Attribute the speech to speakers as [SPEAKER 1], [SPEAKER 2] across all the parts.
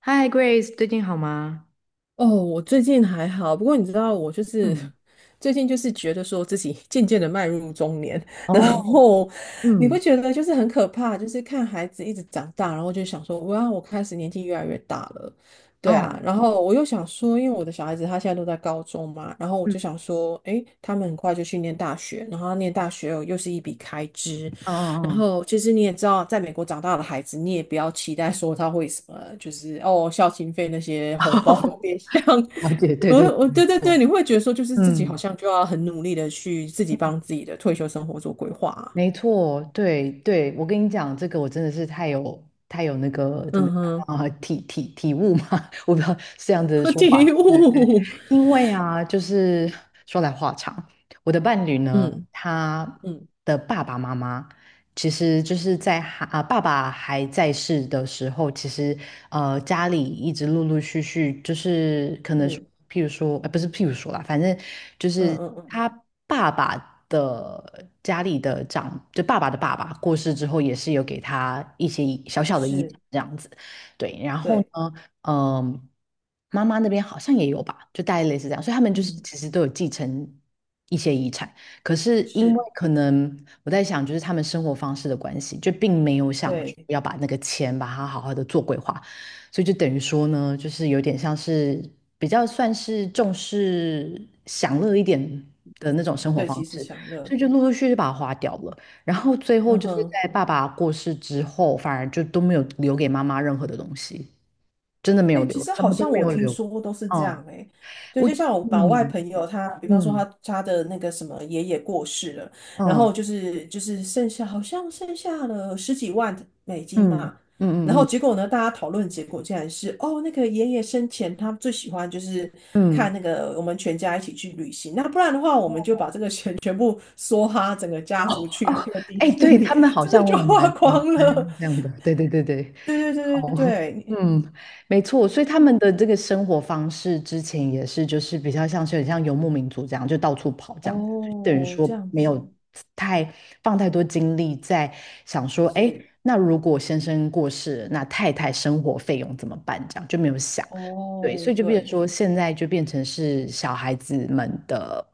[SPEAKER 1] 嗨，Grace,最近好吗？
[SPEAKER 2] 哦，我最近还好，不过你知道，我就是
[SPEAKER 1] 嗯。
[SPEAKER 2] 最近就是觉得说自己 渐渐的迈入中年，然
[SPEAKER 1] 哦。
[SPEAKER 2] 后你不
[SPEAKER 1] 嗯。
[SPEAKER 2] 觉得就是很可怕，就是看孩子一直长大，然后就想说，哇，我开始年纪越来越大了，对
[SPEAKER 1] 哦。
[SPEAKER 2] 啊，然后我又想说，因为我的小孩子他现在都在高中嘛，然后我
[SPEAKER 1] 嗯。
[SPEAKER 2] 就
[SPEAKER 1] 嗯
[SPEAKER 2] 想说，诶，他们很快就去念大学，然后念大学又是一笔开支，然
[SPEAKER 1] 嗯
[SPEAKER 2] 后其实你也知道，在美国长大的孩子，你也不要期待说他会什么，就是哦，孝心费那些
[SPEAKER 1] 嗯。
[SPEAKER 2] 红包都 别想。
[SPEAKER 1] 了解，对
[SPEAKER 2] 我
[SPEAKER 1] 对对，
[SPEAKER 2] 我
[SPEAKER 1] 没
[SPEAKER 2] 对对对，你
[SPEAKER 1] 错。
[SPEAKER 2] 会觉得说，就是自己好
[SPEAKER 1] 嗯。
[SPEAKER 2] 像就要很努力的去自己帮自己的退休生活做规划啊
[SPEAKER 1] 没错，对对，我跟你讲，这个我真的是太有那个怎么
[SPEAKER 2] 嗯哼，
[SPEAKER 1] 讲啊，体悟嘛。我不知道是这样子的 说
[SPEAKER 2] 体
[SPEAKER 1] 法，对对。
[SPEAKER 2] 悟，
[SPEAKER 1] 因为啊，就是说来话长，我的伴侣呢，
[SPEAKER 2] 嗯
[SPEAKER 1] 他
[SPEAKER 2] 嗯
[SPEAKER 1] 的爸爸妈妈。其实就是在爸爸还在世的时候，其实家里一直陆陆续续就是可能是
[SPEAKER 2] 是，
[SPEAKER 1] 譬如说，不是譬如说啦，反正就
[SPEAKER 2] 嗯
[SPEAKER 1] 是
[SPEAKER 2] 嗯嗯，
[SPEAKER 1] 他爸爸的家里的长，就爸爸的爸爸过世之后，也是有给他一些小小的遗
[SPEAKER 2] 是，
[SPEAKER 1] 产这样子。对，然后
[SPEAKER 2] 对，
[SPEAKER 1] 呢，嗯、妈妈那边好像也有吧，就大概类似这样，所以他们就是
[SPEAKER 2] 嗯，
[SPEAKER 1] 其实都有继承一些遗产。可是因为
[SPEAKER 2] 是，
[SPEAKER 1] 可能我在想，就是他们生活方式的关系，就并没有想说
[SPEAKER 2] 对，
[SPEAKER 1] 要把那个钱把它好好的做规划，所以就等于说呢，就是有点像是比较算是重视享乐一点的那种生活
[SPEAKER 2] 对，
[SPEAKER 1] 方
[SPEAKER 2] 其时
[SPEAKER 1] 式，
[SPEAKER 2] 享乐，
[SPEAKER 1] 所以就陆陆续续就把它花掉了，然后最后
[SPEAKER 2] 嗯
[SPEAKER 1] 就是
[SPEAKER 2] 哼。
[SPEAKER 1] 在爸爸过世之后，反而就都没有留给妈妈任何的东西。真的没
[SPEAKER 2] 哎、
[SPEAKER 1] 有
[SPEAKER 2] 欸其
[SPEAKER 1] 留，
[SPEAKER 2] 实
[SPEAKER 1] 什
[SPEAKER 2] 好
[SPEAKER 1] 么都
[SPEAKER 2] 像
[SPEAKER 1] 没
[SPEAKER 2] 我
[SPEAKER 1] 有
[SPEAKER 2] 听
[SPEAKER 1] 留。
[SPEAKER 2] 说都是这
[SPEAKER 1] 哦。
[SPEAKER 2] 样哎、欸对，
[SPEAKER 1] 我。
[SPEAKER 2] 就像我老外
[SPEAKER 1] 嗯。
[SPEAKER 2] 朋友他，比方说他
[SPEAKER 1] 嗯。
[SPEAKER 2] 他的那个什么爷爷过世了，然
[SPEAKER 1] 哦。
[SPEAKER 2] 后就是剩下好像剩下了十几万美元
[SPEAKER 1] 嗯。
[SPEAKER 2] 嘛，然
[SPEAKER 1] 嗯嗯
[SPEAKER 2] 后
[SPEAKER 1] 嗯。
[SPEAKER 2] 结果呢，大家讨论结果竟然是哦，那个爷爷生前他最喜欢就是
[SPEAKER 1] 嗯。
[SPEAKER 2] 看那个我们全家一起去旅行，那不然的话我们就把这个钱 全部梭哈整个家族去
[SPEAKER 1] 哦。
[SPEAKER 2] 那个迪
[SPEAKER 1] 哎，
[SPEAKER 2] 士
[SPEAKER 1] 对他
[SPEAKER 2] 尼，
[SPEAKER 1] 们好
[SPEAKER 2] 真的
[SPEAKER 1] 像我
[SPEAKER 2] 就
[SPEAKER 1] 也
[SPEAKER 2] 花
[SPEAKER 1] 蛮蛮
[SPEAKER 2] 光了。
[SPEAKER 1] 蛮这样的，对对对对。
[SPEAKER 2] 对对对对
[SPEAKER 1] 哦，
[SPEAKER 2] 对，
[SPEAKER 1] 嗯。没错，所以他们的这个生活方式之前也是，就是比较像是很像游牧民族这样，就到处跑这样，等于
[SPEAKER 2] 哦，
[SPEAKER 1] 说
[SPEAKER 2] 这样
[SPEAKER 1] 没
[SPEAKER 2] 子
[SPEAKER 1] 有太放太多精力在想说，哎，
[SPEAKER 2] 是
[SPEAKER 1] 那如果先生过世了，那太太生活费用怎么办？这样就没有想。对，
[SPEAKER 2] 哦，
[SPEAKER 1] 所以就变成
[SPEAKER 2] 对，
[SPEAKER 1] 说，现在就变成是小孩子们的，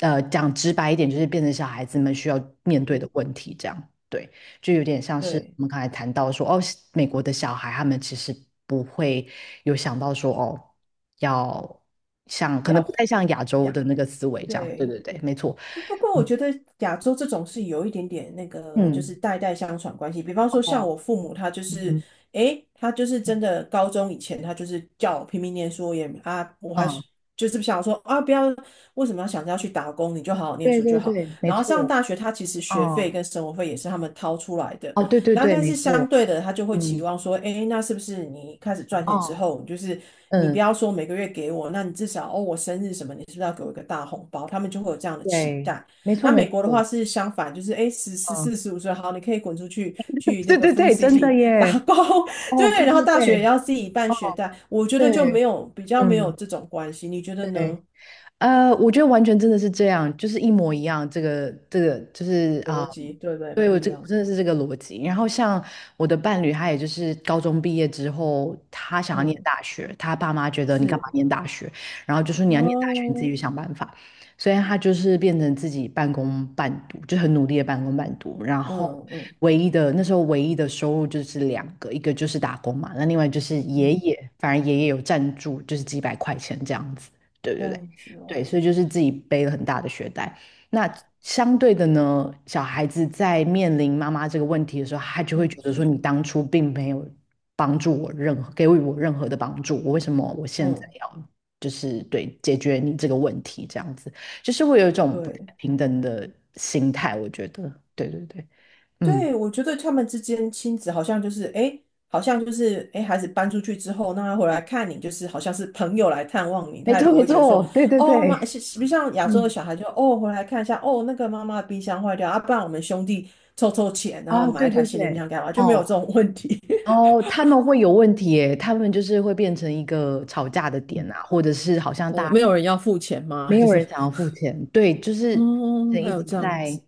[SPEAKER 1] 讲直白一点，就是变成小孩子们需要面对的
[SPEAKER 2] 是，
[SPEAKER 1] 问题这样。对。就有点像是
[SPEAKER 2] 对，
[SPEAKER 1] 我们刚才谈到说，哦，美国的小孩他们其实不会有想到说，哦，要像可能不
[SPEAKER 2] 要
[SPEAKER 1] 太像亚洲
[SPEAKER 2] 养，
[SPEAKER 1] 的那个思维这样。对
[SPEAKER 2] 对。
[SPEAKER 1] 对对，没错。
[SPEAKER 2] 不过我
[SPEAKER 1] 嗯。
[SPEAKER 2] 觉得亚洲这种是有一点点那个，就是
[SPEAKER 1] 嗯。
[SPEAKER 2] 代代相传关系。比方说像
[SPEAKER 1] 哦。
[SPEAKER 2] 我父母，他就是，
[SPEAKER 1] 嗯。
[SPEAKER 2] 诶，他就是真的高中以前，他就是叫我拼命念书，也啊，我还
[SPEAKER 1] 嗯，
[SPEAKER 2] 是就是想说啊，不要，为什么要想着要去打工？你就好好念
[SPEAKER 1] 对
[SPEAKER 2] 书就
[SPEAKER 1] 对
[SPEAKER 2] 好。
[SPEAKER 1] 对，没
[SPEAKER 2] 然后上
[SPEAKER 1] 错。
[SPEAKER 2] 大学，他其实学费
[SPEAKER 1] 嗯。
[SPEAKER 2] 跟生活费也是他们掏出来的。
[SPEAKER 1] 哦，对对
[SPEAKER 2] 然后，
[SPEAKER 1] 对，
[SPEAKER 2] 但
[SPEAKER 1] 没
[SPEAKER 2] 是相
[SPEAKER 1] 错。
[SPEAKER 2] 对的，他就会期
[SPEAKER 1] 嗯。
[SPEAKER 2] 望说，哎，那是不是你开始赚钱之
[SPEAKER 1] 哦。
[SPEAKER 2] 后，就是你不
[SPEAKER 1] 嗯。
[SPEAKER 2] 要说每个月给我，那你至少哦，我生日什么，你是不是要给我一个大红包？他们就会有这样的期
[SPEAKER 1] 对，
[SPEAKER 2] 待。
[SPEAKER 1] 没错
[SPEAKER 2] 那美
[SPEAKER 1] 没
[SPEAKER 2] 国的话
[SPEAKER 1] 错。
[SPEAKER 2] 是相反，就是哎，十十
[SPEAKER 1] 嗯，
[SPEAKER 2] 四十五岁，好，你可以滚出去去 那
[SPEAKER 1] 对
[SPEAKER 2] 个
[SPEAKER 1] 对
[SPEAKER 2] Food
[SPEAKER 1] 对，真的
[SPEAKER 2] City 打
[SPEAKER 1] 耶。
[SPEAKER 2] 工，
[SPEAKER 1] 哦，对
[SPEAKER 2] 对，然后
[SPEAKER 1] 对
[SPEAKER 2] 大学也
[SPEAKER 1] 对
[SPEAKER 2] 要自己办学贷。我觉得就
[SPEAKER 1] 对。
[SPEAKER 2] 没有比较没有
[SPEAKER 1] 嗯。
[SPEAKER 2] 这种关系，你觉得呢？
[SPEAKER 1] 对。我觉得完全真的是这样，就是一模一样。这个就是啊、
[SPEAKER 2] 逻辑对不对？
[SPEAKER 1] 对
[SPEAKER 2] 不
[SPEAKER 1] 我
[SPEAKER 2] 一
[SPEAKER 1] 这我
[SPEAKER 2] 样，
[SPEAKER 1] 真的是这个逻辑。然后像我的伴侣，他也就是高中毕业之后，他想要念
[SPEAKER 2] 嗯，
[SPEAKER 1] 大学，他爸妈觉得你干
[SPEAKER 2] 是
[SPEAKER 1] 嘛念大学，然后就说你要念大学，你自己
[SPEAKER 2] 哦，
[SPEAKER 1] 去想办法。所以他就是变成自己半工半读，就很努力的半工半读。然后
[SPEAKER 2] 嗯嗯
[SPEAKER 1] 唯一的那时候唯一的收入就是两个，一个就是打工嘛，那另外就是爷
[SPEAKER 2] 嗯，
[SPEAKER 1] 爷，反正爷爷有赞助，就是几百块钱这样子。对
[SPEAKER 2] 这
[SPEAKER 1] 对对。
[SPEAKER 2] 样子
[SPEAKER 1] 对，
[SPEAKER 2] 哦。
[SPEAKER 1] 所以就是自己背了很大的学贷。那相对的呢，小孩子在面临妈妈这个问题的时候，他就会
[SPEAKER 2] 是
[SPEAKER 1] 觉得说，
[SPEAKER 2] 是，
[SPEAKER 1] 你当初并没有帮助我任何，给予我任何的帮助，我为什么我现在
[SPEAKER 2] 嗯，
[SPEAKER 1] 要就是对解决你这个问题这样子，就是会有一种不太
[SPEAKER 2] 对
[SPEAKER 1] 平等的心态，我觉得，对对对。嗯。
[SPEAKER 2] 对，我觉得他们之间亲子好像就是，哎，好像就是，哎，诶孩子搬出去之后，那他回来看你，就是好像是朋友来探望你，
[SPEAKER 1] 没
[SPEAKER 2] 他也
[SPEAKER 1] 错
[SPEAKER 2] 不
[SPEAKER 1] 没
[SPEAKER 2] 会觉得说，
[SPEAKER 1] 错，对对对。
[SPEAKER 2] 哦妈，是不是像亚洲的
[SPEAKER 1] 嗯。
[SPEAKER 2] 小孩就，哦，回来看一下，哦，那个妈妈的冰箱坏掉，啊，不然我们兄弟凑凑钱，然后
[SPEAKER 1] 啊，
[SPEAKER 2] 买
[SPEAKER 1] 对
[SPEAKER 2] 一台
[SPEAKER 1] 对
[SPEAKER 2] 新的冰
[SPEAKER 1] 对。
[SPEAKER 2] 箱干嘛，就没有这
[SPEAKER 1] 哦。
[SPEAKER 2] 种问题。
[SPEAKER 1] 哦，他们会有问题诶，他们就是会变成一个吵架的点
[SPEAKER 2] 嗯，
[SPEAKER 1] 啊，或者是好像大
[SPEAKER 2] 哦，
[SPEAKER 1] 家
[SPEAKER 2] 没有人要付钱吗？
[SPEAKER 1] 没
[SPEAKER 2] 就
[SPEAKER 1] 有
[SPEAKER 2] 是，
[SPEAKER 1] 人想要付钱。对，就是
[SPEAKER 2] 哦，
[SPEAKER 1] 人
[SPEAKER 2] 还
[SPEAKER 1] 一
[SPEAKER 2] 有
[SPEAKER 1] 直
[SPEAKER 2] 这样
[SPEAKER 1] 在，
[SPEAKER 2] 子，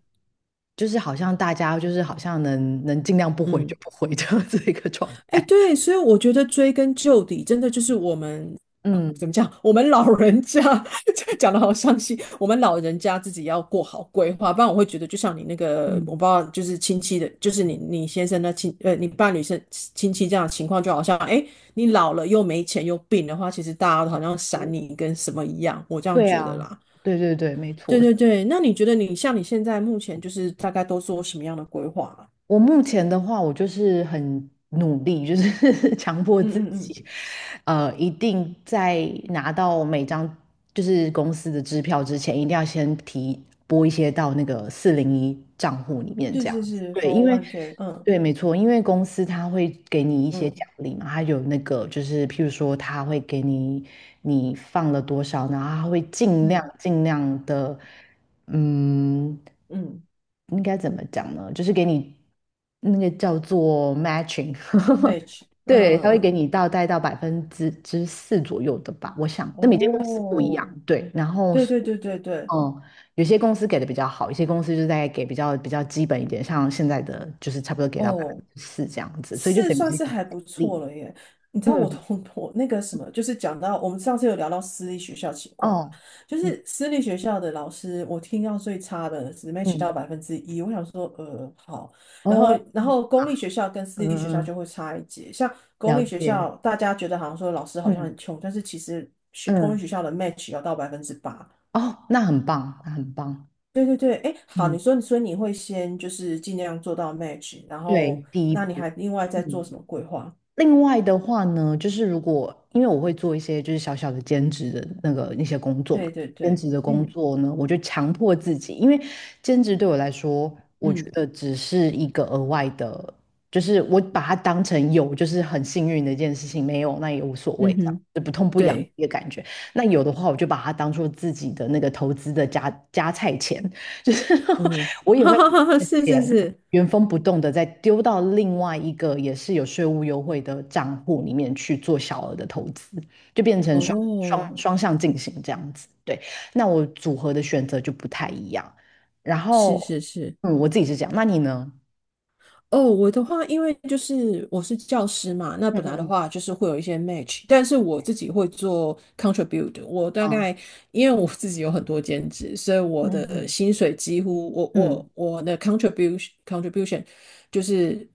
[SPEAKER 1] 就是好像大家就是好像能尽量不回就
[SPEAKER 2] 嗯。
[SPEAKER 1] 不回的 这样子一个状
[SPEAKER 2] 哎，
[SPEAKER 1] 态。
[SPEAKER 2] 对，所以我觉得追根究底，真的就是我们哦
[SPEAKER 1] 嗯
[SPEAKER 2] 怎么讲？我们老人家 这讲的好伤心，我们老人家自己要过好规划，不然我会觉得，就像你那个，我
[SPEAKER 1] 嗯。
[SPEAKER 2] 不知道，就是亲戚的，就是你先生的亲，呃，你伴侣是亲戚这样的情况，就好像哎，你老了又没钱又病的话，其实大家都好像闪
[SPEAKER 1] 我。
[SPEAKER 2] 你跟什么一样，我这样
[SPEAKER 1] 对
[SPEAKER 2] 觉得
[SPEAKER 1] 啊，
[SPEAKER 2] 啦。
[SPEAKER 1] 对对对，没
[SPEAKER 2] 对
[SPEAKER 1] 错。
[SPEAKER 2] 对对，那你觉得你像你现在目前就是大概都做什么样的规划啊？
[SPEAKER 1] 我目前的话，我就是很努力，就是 强迫
[SPEAKER 2] 嗯
[SPEAKER 1] 自
[SPEAKER 2] 嗯嗯，
[SPEAKER 1] 己，一定在拿到每张就是公司的支票之前，一定要先提拨一些到那个401账户里面，
[SPEAKER 2] 是
[SPEAKER 1] 这样。
[SPEAKER 2] 是是
[SPEAKER 1] 对，
[SPEAKER 2] f
[SPEAKER 1] 因
[SPEAKER 2] o
[SPEAKER 1] 为
[SPEAKER 2] r one k 嗯
[SPEAKER 1] 对，没错，因为公司他会给你一些
[SPEAKER 2] 嗯。
[SPEAKER 1] 奖励嘛，他有那个就是，譬如说，他会给你你放了多少，然后他会尽量
[SPEAKER 2] 嗯
[SPEAKER 1] 尽量的。嗯，
[SPEAKER 2] 嗯
[SPEAKER 1] 应该怎么讲呢？就是给你那个叫做 matching。
[SPEAKER 2] ，match，嗯
[SPEAKER 1] 对，他
[SPEAKER 2] 嗯
[SPEAKER 1] 会给
[SPEAKER 2] 嗯，
[SPEAKER 1] 你到带到百分之四左右的吧，我想，那每间公司不一
[SPEAKER 2] 哦，
[SPEAKER 1] 样。对，然后。
[SPEAKER 2] 对对对对对，
[SPEAKER 1] 嗯，有些公司给的比较好，有些公司就在给比较比较基本一点，像现在的就是差不多给到百分
[SPEAKER 2] 哦，
[SPEAKER 1] 之四这样子，所以就
[SPEAKER 2] 是
[SPEAKER 1] 等于
[SPEAKER 2] 算
[SPEAKER 1] 是一
[SPEAKER 2] 是
[SPEAKER 1] 个奖
[SPEAKER 2] 还不错
[SPEAKER 1] 励。
[SPEAKER 2] 了耶。你知道我
[SPEAKER 1] 嗯。
[SPEAKER 2] 同 我那个什么，就是讲到我们上次有聊到私立学校情况嘛，
[SPEAKER 1] 哦。
[SPEAKER 2] 就
[SPEAKER 1] 嗯
[SPEAKER 2] 是私立学校的老师，我听到最差的只 match 到
[SPEAKER 1] 嗯。
[SPEAKER 2] 1%，我想说，呃，好，然后
[SPEAKER 1] 哦。
[SPEAKER 2] 然后公立学校跟私立学
[SPEAKER 1] 嗯
[SPEAKER 2] 校就
[SPEAKER 1] 嗯。
[SPEAKER 2] 会差一截，像公
[SPEAKER 1] 了
[SPEAKER 2] 立学
[SPEAKER 1] 解。
[SPEAKER 2] 校大家觉得好像说老师好像很
[SPEAKER 1] 嗯
[SPEAKER 2] 穷，但是其实学公立
[SPEAKER 1] 嗯。
[SPEAKER 2] 学校的 match 要到8%。
[SPEAKER 1] 哦，那很棒，那很棒。
[SPEAKER 2] 对对对，哎，好，
[SPEAKER 1] 嗯，
[SPEAKER 2] 你说你说你会先就是尽量做到 match，然
[SPEAKER 1] 对，
[SPEAKER 2] 后
[SPEAKER 1] 第一
[SPEAKER 2] 那你
[SPEAKER 1] 步。
[SPEAKER 2] 还另外再做
[SPEAKER 1] 嗯。
[SPEAKER 2] 什么规划？
[SPEAKER 1] 另外的话呢，就是如果因为我会做一些就是小小的兼职的那个那些工作嘛，
[SPEAKER 2] 对对
[SPEAKER 1] 兼
[SPEAKER 2] 对，
[SPEAKER 1] 职的工
[SPEAKER 2] 嗯
[SPEAKER 1] 作呢，我就强迫自己，因为兼职对我来说，我觉
[SPEAKER 2] 嗯
[SPEAKER 1] 得只是一个额外的，就是我把它当成有，就是很幸运的一件事情，没有那也无所
[SPEAKER 2] 嗯
[SPEAKER 1] 谓，这样
[SPEAKER 2] 哼，
[SPEAKER 1] 就不痛不痒的
[SPEAKER 2] 对，
[SPEAKER 1] 一个感觉。那有的话，我就把它当做自己的那个投资的加菜钱，就是
[SPEAKER 2] 嗯哼，
[SPEAKER 1] 我 也
[SPEAKER 2] 哈
[SPEAKER 1] 会。
[SPEAKER 2] 哈哈哈，是是
[SPEAKER 1] 钱，
[SPEAKER 2] 是，
[SPEAKER 1] 原封不动的再丢到另外一个也是有税务优惠的账户里面去做小额的投资，就变成双
[SPEAKER 2] 哦，
[SPEAKER 1] 双双向进行这样子。对，那我组合的选择就不太一样。然
[SPEAKER 2] 是
[SPEAKER 1] 后，
[SPEAKER 2] 是是。
[SPEAKER 1] 嗯，我自己是这样，那你呢？
[SPEAKER 2] 哦，我的话，因为就是我是教师嘛，那本来的
[SPEAKER 1] 嗯。
[SPEAKER 2] 话就是会有一些 match，但是我自己会做 contribute，我大
[SPEAKER 1] 嗯。
[SPEAKER 2] 概因为我自己有很多兼职，所以
[SPEAKER 1] 嗯。
[SPEAKER 2] 我
[SPEAKER 1] 嗯。
[SPEAKER 2] 的
[SPEAKER 1] 嗯。
[SPEAKER 2] 薪水几乎我
[SPEAKER 1] 嗯。
[SPEAKER 2] 我我的 contribution 就是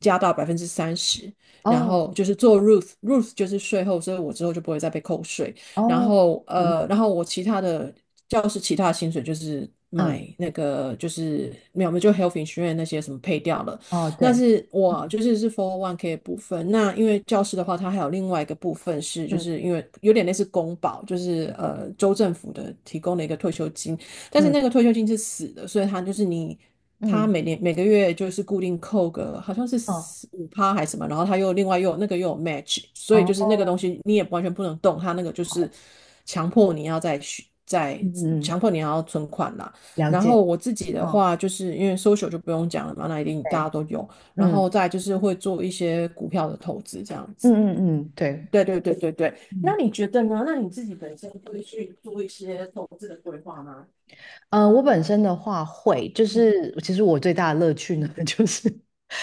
[SPEAKER 2] 加到30%，然
[SPEAKER 1] 哦。
[SPEAKER 2] 后就是做 Ruth，Ruth 就是税后，所以我之后就不会再被扣税，然
[SPEAKER 1] 哦。
[SPEAKER 2] 后
[SPEAKER 1] 嗯。
[SPEAKER 2] 呃，然后我其他的教师其他的薪水就是
[SPEAKER 1] 嗯。
[SPEAKER 2] 买那个就是没有，我们就 health insurance 那些什么配掉了。
[SPEAKER 1] 哦。
[SPEAKER 2] 那
[SPEAKER 1] 对。
[SPEAKER 2] 是我就是是 f o r One K 的部分。那因为教师的话，它还有另外一个部分是，就
[SPEAKER 1] 嗯。
[SPEAKER 2] 是因为有点类似公保，就是呃州政府的提供的一个退休金，但是那
[SPEAKER 1] 嗯。
[SPEAKER 2] 个退休金是死的，所以他就是你。他
[SPEAKER 1] 嗯。
[SPEAKER 2] 每年每个月就是固定扣个好像是
[SPEAKER 1] 哦。
[SPEAKER 2] 5%还是什么，然后他又另外又有那个又有 match，所以就是那个
[SPEAKER 1] 哦。
[SPEAKER 2] 东西你也完全不能动，他那个就是强迫你要再续再
[SPEAKER 1] 嗯。嗯。
[SPEAKER 2] 强迫你要存款啦。
[SPEAKER 1] 了
[SPEAKER 2] 然后
[SPEAKER 1] 解。
[SPEAKER 2] 我自己的
[SPEAKER 1] 哦。
[SPEAKER 2] 话，就是因为 social 就不用讲了嘛，那一定大家
[SPEAKER 1] 对。
[SPEAKER 2] 都有。然
[SPEAKER 1] 嗯。
[SPEAKER 2] 后再就是会做一些股票的投资这样
[SPEAKER 1] 嗯。
[SPEAKER 2] 子。
[SPEAKER 1] 嗯。嗯。对。
[SPEAKER 2] 对对对对对，那
[SPEAKER 1] 嗯。
[SPEAKER 2] 你觉得呢？那你自己本身会去做一些投资的规划吗？
[SPEAKER 1] 我本身的话会，就
[SPEAKER 2] 嗯
[SPEAKER 1] 是其实我最大的乐趣呢，
[SPEAKER 2] 嗯，
[SPEAKER 1] 就是，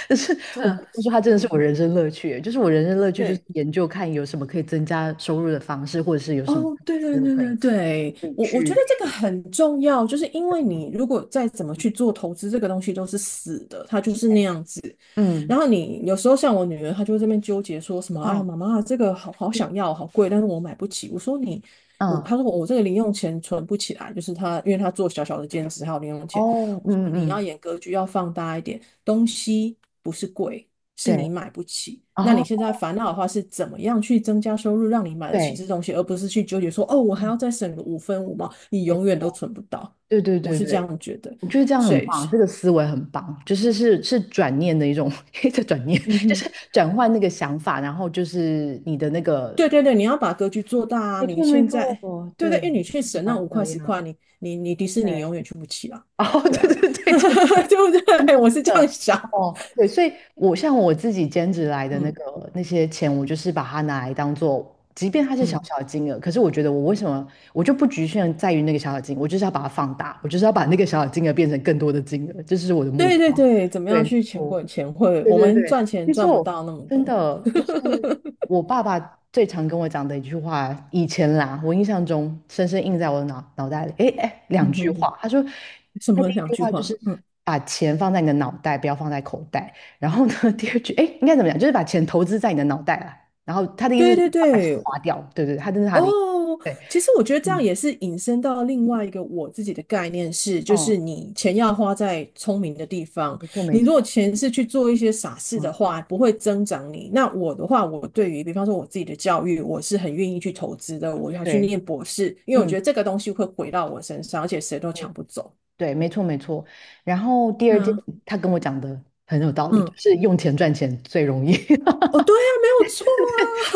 [SPEAKER 1] 就是我
[SPEAKER 2] 这
[SPEAKER 1] 不得不说它真的是
[SPEAKER 2] 嗯
[SPEAKER 1] 我人生乐趣欸，就是我人生乐趣就是
[SPEAKER 2] 对，
[SPEAKER 1] 研究看有什么可以增加收入的方式，或者是有什么
[SPEAKER 2] 哦，对
[SPEAKER 1] 思
[SPEAKER 2] 对
[SPEAKER 1] 路
[SPEAKER 2] 对
[SPEAKER 1] 可以
[SPEAKER 2] 对对，
[SPEAKER 1] 可以
[SPEAKER 2] 我我觉
[SPEAKER 1] 去。
[SPEAKER 2] 得这个很重要，就是因为你如果再怎么去做投资，这个东西都是死的，它就是那样子。
[SPEAKER 1] 嗯。
[SPEAKER 2] 然
[SPEAKER 1] 嗯。
[SPEAKER 2] 后你有时候像我女儿，她就会这边纠结说什么，哎呀，
[SPEAKER 1] 嗯。
[SPEAKER 2] 妈妈，这个好好想要，好贵，但是我买不起。我说你，我，
[SPEAKER 1] 嗯。
[SPEAKER 2] 她说我这个零用钱存不起来，就是她，因为她做小小的兼职还有零用钱。
[SPEAKER 1] 哦。
[SPEAKER 2] 我说
[SPEAKER 1] 嗯。
[SPEAKER 2] 你
[SPEAKER 1] 嗯。
[SPEAKER 2] 要
[SPEAKER 1] 嗯。
[SPEAKER 2] 演格局要放大一点，东西不是贵，是
[SPEAKER 1] 对。
[SPEAKER 2] 你买不起。那你现
[SPEAKER 1] 哦。
[SPEAKER 2] 在烦恼的话是怎么样去增加收入，让你买得起这
[SPEAKER 1] 对。
[SPEAKER 2] 东西，而不是去纠结说，哦，我还要
[SPEAKER 1] 嗯。
[SPEAKER 2] 再省个五分五毛，你永远
[SPEAKER 1] 对
[SPEAKER 2] 都存不到。
[SPEAKER 1] 对对
[SPEAKER 2] 我
[SPEAKER 1] 对。
[SPEAKER 2] 是这
[SPEAKER 1] 对，
[SPEAKER 2] 样觉得，
[SPEAKER 1] 我觉得这样
[SPEAKER 2] 所
[SPEAKER 1] 很
[SPEAKER 2] 以，
[SPEAKER 1] 棒，这个思维很棒，就是是是转念的一种 一个转念，
[SPEAKER 2] 嗯
[SPEAKER 1] 就是
[SPEAKER 2] 哼。
[SPEAKER 1] 转换那个想法，然后就是你的那
[SPEAKER 2] 对
[SPEAKER 1] 个
[SPEAKER 2] 对对，你要把格局做大啊！
[SPEAKER 1] 没
[SPEAKER 2] 你
[SPEAKER 1] 错没
[SPEAKER 2] 现
[SPEAKER 1] 错。
[SPEAKER 2] 在，对对，因为你
[SPEAKER 1] 对，
[SPEAKER 2] 去
[SPEAKER 1] 不喜
[SPEAKER 2] 省那
[SPEAKER 1] 欢
[SPEAKER 2] 五
[SPEAKER 1] 这
[SPEAKER 2] 块十
[SPEAKER 1] 样。
[SPEAKER 2] 块，你你你迪士
[SPEAKER 1] 对。
[SPEAKER 2] 尼永远去不起啊！
[SPEAKER 1] 哦，
[SPEAKER 2] 对
[SPEAKER 1] 对
[SPEAKER 2] 啊，
[SPEAKER 1] 对对，真的
[SPEAKER 2] 对不
[SPEAKER 1] 真
[SPEAKER 2] 对？
[SPEAKER 1] 的
[SPEAKER 2] 我
[SPEAKER 1] 真
[SPEAKER 2] 是这样
[SPEAKER 1] 的。
[SPEAKER 2] 想，
[SPEAKER 1] 哦，对，所以我像我自己兼职来的那
[SPEAKER 2] 嗯
[SPEAKER 1] 个那些钱，我就是把它拿来当做，即便它是小
[SPEAKER 2] 嗯，
[SPEAKER 1] 小的金额，可是我觉得我为什么我就不局限在于那个小小金额，我就是要把它放大，我就是要把那个小小金额变成更多的金额，这是我的目
[SPEAKER 2] 对对
[SPEAKER 1] 标。
[SPEAKER 2] 对，怎么样
[SPEAKER 1] 对，
[SPEAKER 2] 去钱
[SPEAKER 1] 我。
[SPEAKER 2] 滚钱会？
[SPEAKER 1] 对
[SPEAKER 2] 我
[SPEAKER 1] 对
[SPEAKER 2] 们
[SPEAKER 1] 对，
[SPEAKER 2] 赚钱
[SPEAKER 1] 没
[SPEAKER 2] 赚不到
[SPEAKER 1] 错，
[SPEAKER 2] 那么
[SPEAKER 1] 真
[SPEAKER 2] 多，
[SPEAKER 1] 的就是我爸爸最常跟我讲的一句话，以前啦，我印象中深深印在我的脑袋里。诶诶，两
[SPEAKER 2] 嗯
[SPEAKER 1] 句
[SPEAKER 2] 哼哼，
[SPEAKER 1] 话，他说，
[SPEAKER 2] 什
[SPEAKER 1] 他
[SPEAKER 2] 么
[SPEAKER 1] 第一
[SPEAKER 2] 两
[SPEAKER 1] 句
[SPEAKER 2] 句
[SPEAKER 1] 话就
[SPEAKER 2] 话？
[SPEAKER 1] 是
[SPEAKER 2] 嗯，
[SPEAKER 1] 把钱放在你的脑袋，不要放在口袋。然后呢，第二句，诶，应该怎么讲？就是把钱投资在你的脑袋啦。然后他的意思
[SPEAKER 2] 对
[SPEAKER 1] 是
[SPEAKER 2] 对
[SPEAKER 1] 把钱
[SPEAKER 2] 对，
[SPEAKER 1] 花掉，对对对，他这是他的意思。
[SPEAKER 2] 哦，
[SPEAKER 1] 对。
[SPEAKER 2] 其实我觉得这样
[SPEAKER 1] 嗯。
[SPEAKER 2] 也是引申到另外一个我自己的概念是，就是
[SPEAKER 1] 哦。
[SPEAKER 2] 你钱要花在聪明的地方。
[SPEAKER 1] 没错没
[SPEAKER 2] 你如果
[SPEAKER 1] 错。
[SPEAKER 2] 钱是去做一些傻事的
[SPEAKER 1] 嗯。
[SPEAKER 2] 话，不会增长你。那我的话，我对于比方说我自己的教育，我是很愿意去投资的，我要去
[SPEAKER 1] 对。
[SPEAKER 2] 念博士，因为我觉
[SPEAKER 1] 嗯。
[SPEAKER 2] 得这个东西会回到我身上，而且谁都抢不走。
[SPEAKER 1] 对，没错没错。然后第二件，
[SPEAKER 2] 那
[SPEAKER 1] 他跟我讲的很有道理，就
[SPEAKER 2] 嗯，
[SPEAKER 1] 是用钱赚钱最容易。
[SPEAKER 2] 哦，对呀，没有错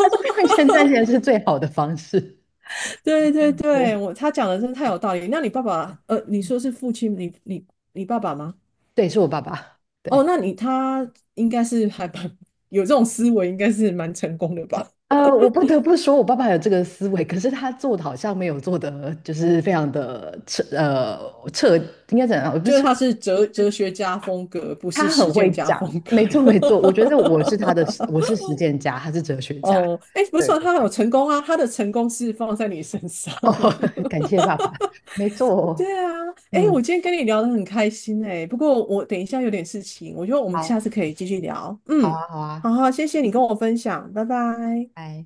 [SPEAKER 1] 他说用钱赚钱是最好的方式。
[SPEAKER 2] 对对
[SPEAKER 1] 哦，
[SPEAKER 2] 对，我他讲的真的太有 道理。那你爸爸，呃，你说是父亲，你爸爸吗？
[SPEAKER 1] 对，是我爸爸。
[SPEAKER 2] 哦，
[SPEAKER 1] 对，
[SPEAKER 2] 那你他应该是还蛮 有这种思维，应该是蛮成功的吧？
[SPEAKER 1] 我不得不说，我爸爸有这个思维，可是他做的好像没有做的，就是非常的彻，彻，应该怎样？不是
[SPEAKER 2] 就是
[SPEAKER 1] 彻
[SPEAKER 2] 他是哲学家风格，不是
[SPEAKER 1] 他
[SPEAKER 2] 实
[SPEAKER 1] 很会
[SPEAKER 2] 践家风
[SPEAKER 1] 讲。
[SPEAKER 2] 格。
[SPEAKER 1] 没错没错，我觉得我是他的，我是实践家，他是哲学家。
[SPEAKER 2] 哦，哎，不是
[SPEAKER 1] 对
[SPEAKER 2] 啊，
[SPEAKER 1] 对，
[SPEAKER 2] 他有成功啊，他的成功是放在你身上。
[SPEAKER 1] 哦，感谢爸爸。没错哦。
[SPEAKER 2] 对啊，哎，我
[SPEAKER 1] 嗯。
[SPEAKER 2] 今天跟你聊得很开心哎，不过我等一下有点事情，我觉得我们下次
[SPEAKER 1] 好。
[SPEAKER 2] 可以继续聊。
[SPEAKER 1] 好
[SPEAKER 2] 嗯，
[SPEAKER 1] 啊，好啊。
[SPEAKER 2] 好好，谢谢你跟我分享，拜拜。
[SPEAKER 1] 拜。